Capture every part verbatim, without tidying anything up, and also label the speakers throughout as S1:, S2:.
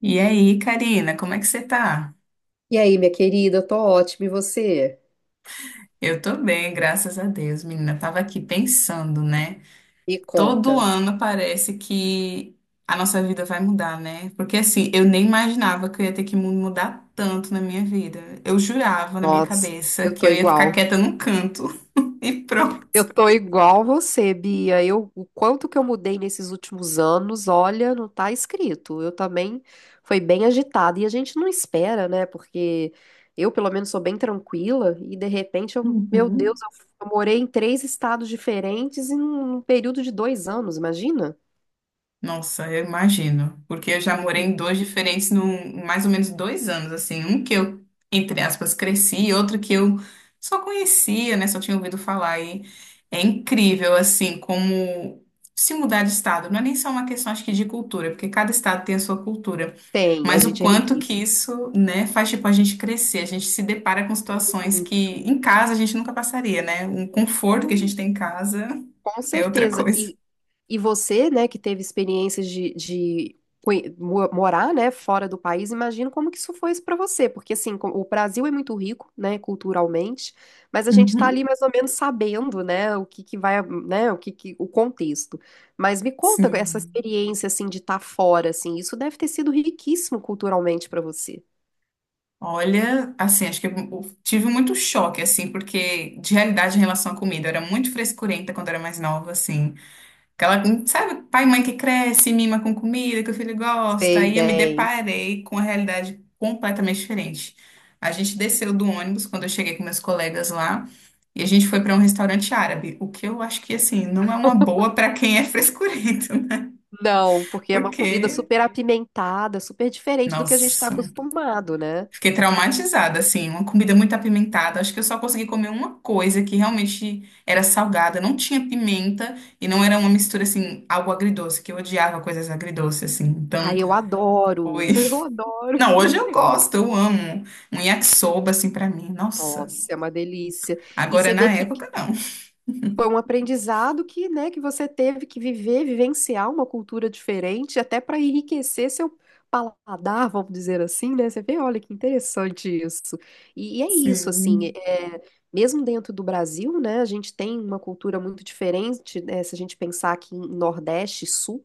S1: E aí, Karina, como é que você tá?
S2: E aí, minha querida, eu tô ótima. E você?
S1: Eu tô bem, graças a Deus, menina. Tava aqui pensando, né?
S2: Me conta.
S1: Todo ano parece que a nossa vida vai mudar, né? Porque assim, eu nem imaginava que eu ia ter que mu- mudar tanto na minha vida. Eu jurava na minha
S2: Nossa,
S1: cabeça
S2: eu
S1: que
S2: tô
S1: eu ia ficar
S2: igual.
S1: quieta num canto e
S2: Eu
S1: pronto.
S2: tô igual você, Bia. Eu, o quanto que eu mudei nesses últimos anos, olha, não tá escrito. Eu também foi bem agitada e a gente não espera, né? Porque eu, pelo menos, sou bem tranquila e de repente eu, meu Deus,
S1: Uhum.
S2: eu, eu morei em três estados diferentes em um período de dois anos, imagina?
S1: Nossa, eu imagino. Porque eu já morei em dois diferentes num mais ou menos dois anos, assim. Um que eu, entre aspas, cresci, e outro que eu só conhecia, né? Só tinha ouvido falar. E é incrível, assim, como se mudar de estado. Não é nem só uma questão, acho que, de cultura, porque cada estado tem a sua cultura.
S2: Tem, a
S1: Mas o
S2: gente é
S1: quanto que
S2: riquíssimo.
S1: isso, né, faz, tipo, a gente crescer. A gente se depara com situações que em casa a gente nunca passaria, né? Um conforto que a gente
S2: Muito.
S1: tem em casa
S2: Com
S1: é outra
S2: certeza.
S1: coisa.
S2: E, e você, né, que teve experiências de, de conhe- mo- morar, né, fora do país, imagino como que isso foi para você, porque assim, co- o Brasil é muito rico, né, culturalmente, mas a gente está
S1: Uhum.
S2: ali mais ou menos sabendo, né, o que que vai, né, o que que, o contexto. Mas me conta essa
S1: Sim.
S2: experiência assim de estar fora, assim, isso deve ter sido riquíssimo culturalmente para você.
S1: Olha, assim, acho que eu tive muito choque, assim, porque de realidade em relação à comida, eu era muito frescurenta quando era mais nova, assim. Aquela, sabe, pai e mãe que cresce, mima com comida, que o filho gosta,
S2: Sei
S1: aí eu me
S2: bem.
S1: deparei com a realidade completamente diferente. A gente desceu do ônibus quando eu cheguei com meus colegas lá, e a gente foi para um restaurante árabe, o que eu acho que, assim, não é uma boa para quem é frescurento, né?
S2: Não, porque é uma comida
S1: Porque,
S2: super apimentada, super diferente do que a gente está
S1: nossa.
S2: acostumado, né?
S1: Fiquei traumatizada, assim, uma comida muito apimentada. Acho que eu só consegui comer uma coisa que realmente era salgada, não tinha pimenta e não era uma mistura, assim, algo agridoce, que eu odiava coisas agridoces, assim. Então,
S2: Ai, eu adoro,
S1: foi.
S2: eu adoro.
S1: Não, hoje eu gosto, eu amo. Um yakisoba, assim, pra mim, nossa.
S2: Nossa, é uma delícia. E
S1: Agora,
S2: você
S1: na
S2: vê que
S1: época, não.
S2: foi um aprendizado que, né, que você teve que viver, vivenciar uma cultura diferente, até para enriquecer seu paladar, vamos dizer assim, né? Você vê, olha que interessante isso. E, e é isso, assim,
S1: Sim.
S2: é, mesmo dentro do Brasil, né, a gente tem uma cultura muito diferente, né, se a gente pensar aqui em Nordeste e Sul.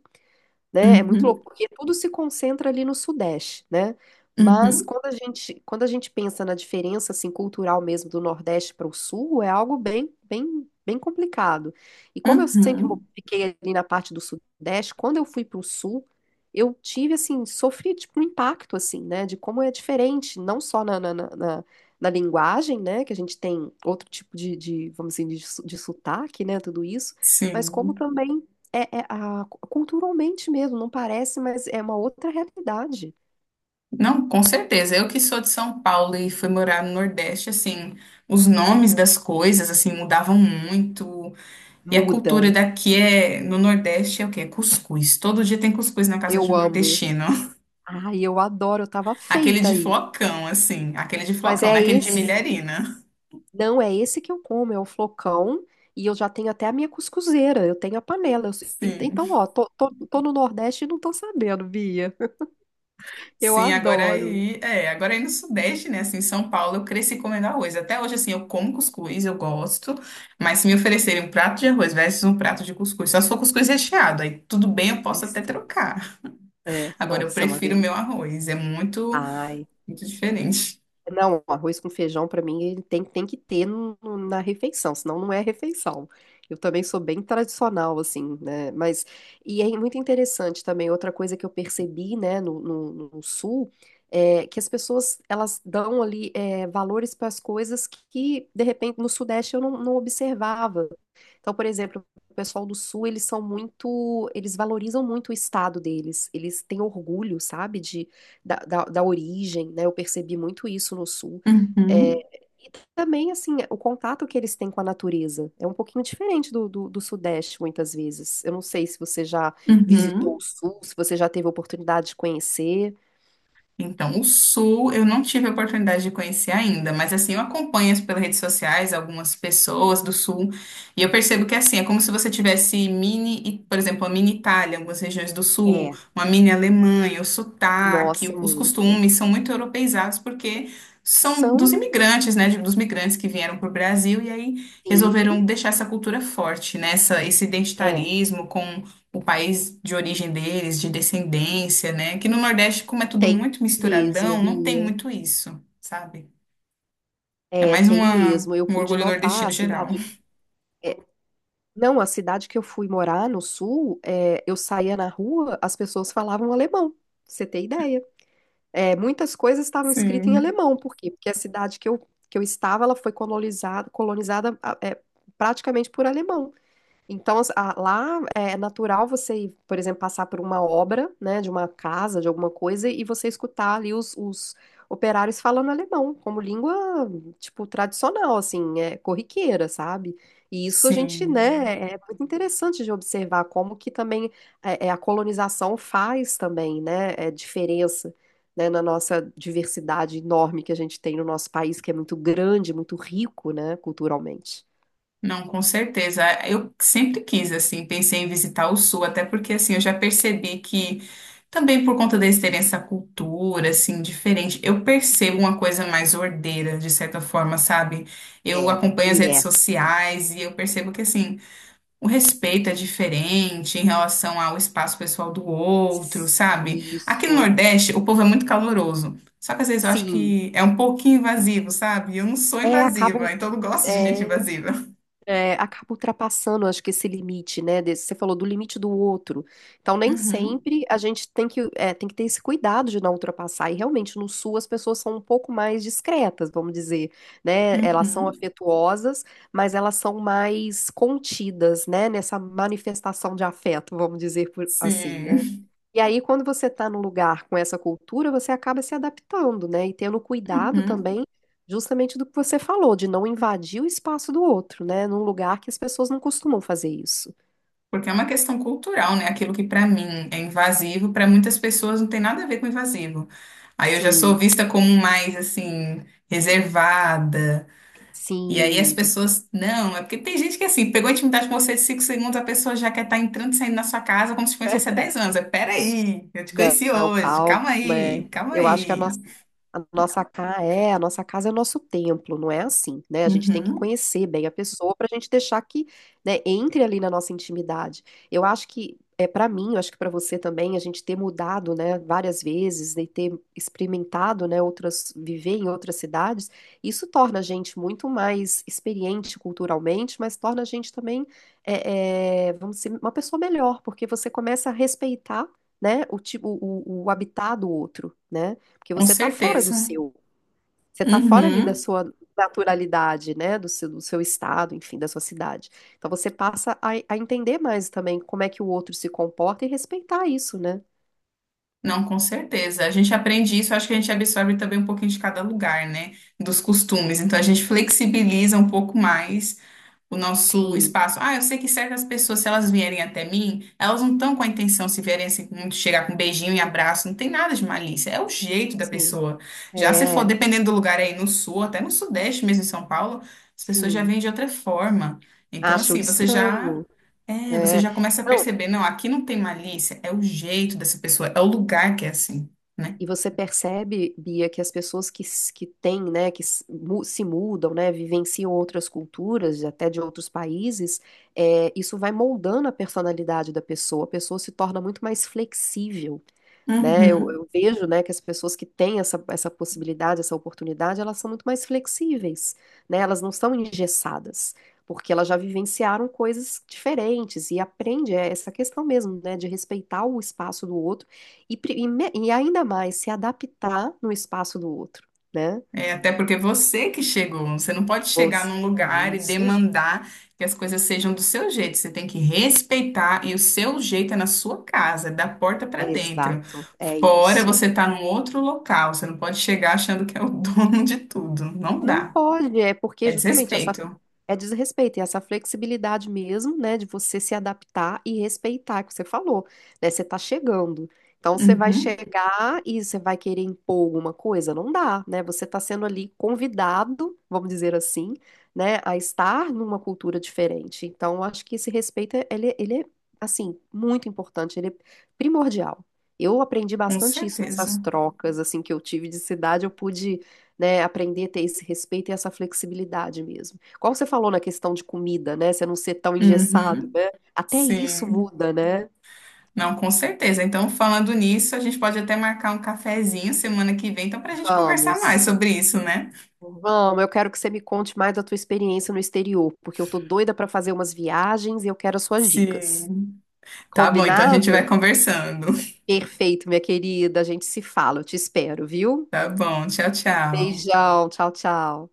S2: Né? É muito
S1: Uhum,
S2: louco, porque tudo se concentra ali no Sudeste, né? Mas
S1: uhum,
S2: quando a gente, quando a gente pensa na diferença assim cultural mesmo do Nordeste para o Sul, é algo bem, bem, bem complicado. E como eu sempre mo-
S1: uhum.
S2: fiquei ali na parte do Sudeste, quando eu fui para o Sul, eu tive assim, sofri tipo um impacto assim, né? De como é diferente, não só na, na, na, na- na linguagem, né? Que a gente tem outro tipo de, de vamos dizer, de, su- de sotaque, né? Tudo isso, mas como
S1: Sim.
S2: também é, é a, culturalmente mesmo, não parece, mas é uma outra realidade.
S1: Não, com certeza. Eu que sou de São Paulo e fui morar no Nordeste, assim, os nomes das coisas, assim, mudavam muito. E a cultura
S2: Muda.
S1: daqui é, no Nordeste, é o quê? É cuscuz. Todo dia tem cuscuz na casa de
S2: Eu
S1: um
S2: amo.
S1: nordestino.
S2: Ai, eu adoro, eu tava
S1: Aquele
S2: feita
S1: de
S2: aí.
S1: flocão, assim. Aquele de
S2: Mas
S1: flocão, né?
S2: é
S1: Aquele de
S2: esse,
S1: milharina.
S2: não é esse que eu como, é o flocão. E eu já tenho até a minha cuscuzeira, eu tenho a panela. Eu sei- ent-
S1: Sim.
S2: então, ó, tô, tô, tô no Nordeste e não tô sabendo, Bia. Eu
S1: Sim, agora
S2: adoro.
S1: aí, é, agora aí no Sudeste, né? Assim, em São Paulo, eu cresci comendo arroz. Até hoje, assim, eu como cuscuz, eu gosto. Mas se me oferecerem um prato de arroz versus um prato de cuscuz, só se for cuscuz recheado, aí tudo bem, eu
S2: Ai,
S1: posso até
S2: sim.
S1: trocar.
S2: É,
S1: Agora, eu
S2: nossa, é uma
S1: prefiro o meu
S2: delícia.
S1: arroz. É muito,
S2: Ai,
S1: muito
S2: sim.
S1: diferente.
S2: Não, arroz com feijão pra mim ele tem, tem que ter no- no- na refeição, senão não é refeição. Eu também sou bem tradicional, assim, né? Mas, e é muito interessante também, outra coisa que eu percebi, né, no, no- no Sul, é que as pessoas, elas dão ali é, valores para as coisas que, de repente, no Sudeste eu não, não observava, então, por exemplo, o pessoal do Sul, eles são muito, eles valorizam muito o estado deles. Eles têm orgulho, sabe, de, da, da, da origem, né? Eu percebi muito isso no Sul. É,
S1: Uhum,
S2: e também, assim, o contato que eles têm com a natureza é um pouquinho diferente do, do, do Sudeste, muitas vezes. Eu não sei se você já visitou o
S1: uhum.
S2: Sul, se você já teve a oportunidade de conhecer.
S1: Então, o Sul eu não tive a oportunidade de conhecer ainda, mas assim, eu acompanho as- pelas redes sociais algumas pessoas do Sul e eu percebo que assim, é como se você tivesse mini, por exemplo, a mini Itália, algumas regiões do Sul,
S2: É,
S1: uma mini Alemanha, o sotaque,
S2: nossa,
S1: o- os
S2: muito.
S1: costumes são muito europeizados porque são
S2: São,
S1: dos imigrantes, né, de- dos migrantes que vieram para o Brasil e aí
S2: sim,
S1: resolveram deixar essa cultura forte, né, essa- esse
S2: é,
S1: identitarismo o país de origem deles, de descendência, né? Que no Nordeste, como é tudo
S2: tem
S1: muito
S2: mesmo,
S1: misturadão, não tem
S2: Bia.
S1: muito isso, sabe? É
S2: É,
S1: mais
S2: tem
S1: uma,
S2: mesmo. Eu
S1: um
S2: pude
S1: orgulho
S2: notar
S1: nordestino
S2: a
S1: geral.
S2: cidade. É, não, a cidade que eu fui morar no sul, é, eu saía na rua, as pessoas falavam alemão. Pra você tem ideia? É, muitas coisas estavam escritas em
S1: Sim,
S2: alemão. Por quê? Porque a cidade que eu, que eu estava, ela foi colonizada, colonizada ah, é, praticamente por alemão. Então, as- a- lá é natural você, ir, por exemplo, passar por uma obra, né, de uma casa, de alguma coisa, e você escutar ali os, os operários falando alemão, como língua, tipo, tradicional, assim, é corriqueira, sabe? E isso a gente,
S1: sim.
S2: né, é muito interessante de observar como que também é, é, a colonização faz também, né, é, diferença, né, na nossa diversidade enorme que a gente tem no nosso país, que é muito grande, muito rico, né, culturalmente.
S1: Não, com certeza. Eu sempre quis, assim, pensei em visitar o Sul, até porque, assim, eu já percebi que, também por conta deles terem essa cultura, assim, diferente, eu percebo uma coisa mais ordeira, de certa forma, sabe?
S2: É,
S1: Eu acompanho as
S2: e
S1: redes
S2: é.
S1: sociais e eu percebo que, assim, o respeito é diferente em relação ao espaço pessoal do outro, sabe? Aqui no
S2: Isso,
S1: Nordeste, o povo é muito caloroso. Só que às vezes eu acho
S2: sim.
S1: que é um pouquinho invasivo, sabe? Eu não sou
S2: É, acaba,
S1: invasiva, então eu não gosto de gente
S2: é,
S1: invasiva.
S2: é, acaba ultrapassando, acho que esse limite, né? Desse- você falou do limite do outro. Então, nem
S1: Uhum,
S2: sempre a gente tem que, é, tem que ter esse cuidado de não ultrapassar. E realmente, no Sul, as pessoas são um pouco mais discretas, vamos dizer, né? Elas são
S1: uhum,
S2: afetuosas, mas elas são mais contidas, né? Nessa manifestação de afeto, vamos dizer por- assim, né.
S1: sim.
S2: E aí, quando você está num lugar com essa cultura, você acaba se adaptando, né? E tendo cuidado
S1: Uhum.
S2: também, justamente do que você falou, de não invadir o espaço do outro, né? Num lugar que as pessoas não costumam fazer isso.
S1: Porque é uma questão cultural, né? Aquilo que pra mim é invasivo, pra muitas pessoas não tem nada a ver com invasivo. Aí eu já sou
S2: Sim,
S1: vista como mais assim, reservada. E aí as
S2: sim.
S1: pessoas, não, é porque tem gente que assim, pegou a intimidade com você de cinco segundos, a pessoa já quer estar entrando e saindo na sua casa como se te conhecesse há dez anos. É, peraí, eu te conheci
S2: Não,
S1: hoje,
S2: calma.
S1: calma
S2: É.
S1: aí, calma
S2: Eu acho que a
S1: aí.
S2: nossa, a nossa casa é, a nossa casa é o nosso templo, não é assim, né? A gente tem que
S1: Uhum,
S2: conhecer bem a pessoa para a gente deixar que, né, entre ali na nossa intimidade. Eu acho que é para mim, eu acho que para você também, a gente ter mudado, né, várias vezes e ter experimentado, né, outras, viver em outras cidades, isso torna a gente muito mais experiente culturalmente, mas torna a gente também, é, é, vamos dizer, uma pessoa melhor, porque você começa a respeitar né, o tipo, o, o habitar do outro, né? Porque
S1: com
S2: você tá fora do
S1: certeza.
S2: seu, você tá fora ali da
S1: Uhum,
S2: sua naturalidade, né, do seu, do seu estado, enfim, da sua cidade. Então você passa a, a entender mais também como é que o outro se comporta e respeitar isso, né?
S1: não, com certeza. A gente aprende isso, acho que a gente absorve também um pouquinho de cada lugar, né? Dos costumes. Então a gente flexibiliza um pouco mais o nosso
S2: Sim,
S1: espaço. Ah, eu sei que certas pessoas, se elas vierem até mim, elas não estão com a intenção, se vierem assim, com- chegar com um beijinho e abraço, não tem nada de malícia, é o jeito da
S2: sim,
S1: pessoa. Já se for,
S2: é,
S1: dependendo do lugar é aí no sul, até no sudeste mesmo, em São Paulo, as pessoas já
S2: sim.
S1: vêm de outra forma. Então,
S2: Acho
S1: assim, você já.
S2: estranho,
S1: É, você
S2: é.
S1: já começa a
S2: Não,
S1: perceber, não, aqui não tem malícia, é o jeito dessa pessoa, é o lugar que é assim, né?
S2: e você percebe, Bia, que as pessoas que, s- que têm, né, que s- mu- se mudam, né, vivenciam outras culturas, até de outros países, é, isso vai moldando a personalidade da pessoa. A pessoa se torna muito mais flexível né? Eu,
S1: Uhum.
S2: eu vejo, né, que as pessoas que têm essa, essa possibilidade, essa oportunidade, elas são muito mais flexíveis, né? Elas não são engessadas, porque elas já vivenciaram coisas diferentes e aprende é, essa questão mesmo, né, de respeitar o espaço do outro e, pri- e, me- e ainda mais se adaptar no espaço do outro, né?
S1: É, até porque você que chegou, você não pode chegar
S2: Você,
S1: num
S2: é
S1: lugar e
S2: isso,
S1: demandar que as coisas sejam do seu jeito. Você tem que respeitar e o seu jeito é na sua casa, é da porta para
S2: é
S1: dentro.
S2: exato, é
S1: Fora
S2: isso.
S1: você tá num outro local, você não pode chegar achando que é o dono de tudo. Não
S2: Não
S1: dá.
S2: pode, é porque
S1: É
S2: justamente essa
S1: desrespeito.
S2: é desrespeito, e essa flexibilidade mesmo, né, de você se adaptar e respeitar, que você falou, né, você tá chegando. Então você vai
S1: Uhum,
S2: chegar e você vai querer impor alguma coisa, não dá, né? Você tá sendo ali convidado, vamos dizer assim, né, a estar numa cultura diferente. Então eu acho que esse respeito é- ele, ele é assim, muito importante, ele é primordial. Eu aprendi
S1: com
S2: bastante isso nessas
S1: certeza.
S2: trocas assim que eu tive de cidade, eu pude né, aprender a ter esse respeito e essa flexibilidade mesmo. Qual você falou na questão de comida, né, você não ser tão engessado,
S1: Uhum,
S2: né? Até isso
S1: sim.
S2: muda, né?
S1: Não, com certeza. Então, falando nisso, a gente pode até marcar um cafezinho semana que vem, então, para a gente conversar mais
S2: Vamos.
S1: sobre isso, né?
S2: Vamos, eu quero que você me conte mais da tua experiência no exterior, porque eu tô doida para fazer umas viagens e eu quero as suas dicas.
S1: Sim. Tá bom, então a
S2: Combinado?
S1: gente vai conversando.
S2: Perfeito, minha querida. A gente se fala, eu te espero, viu?
S1: Tá bom, tchau, tchau.
S2: Beijão, tchau, tchau.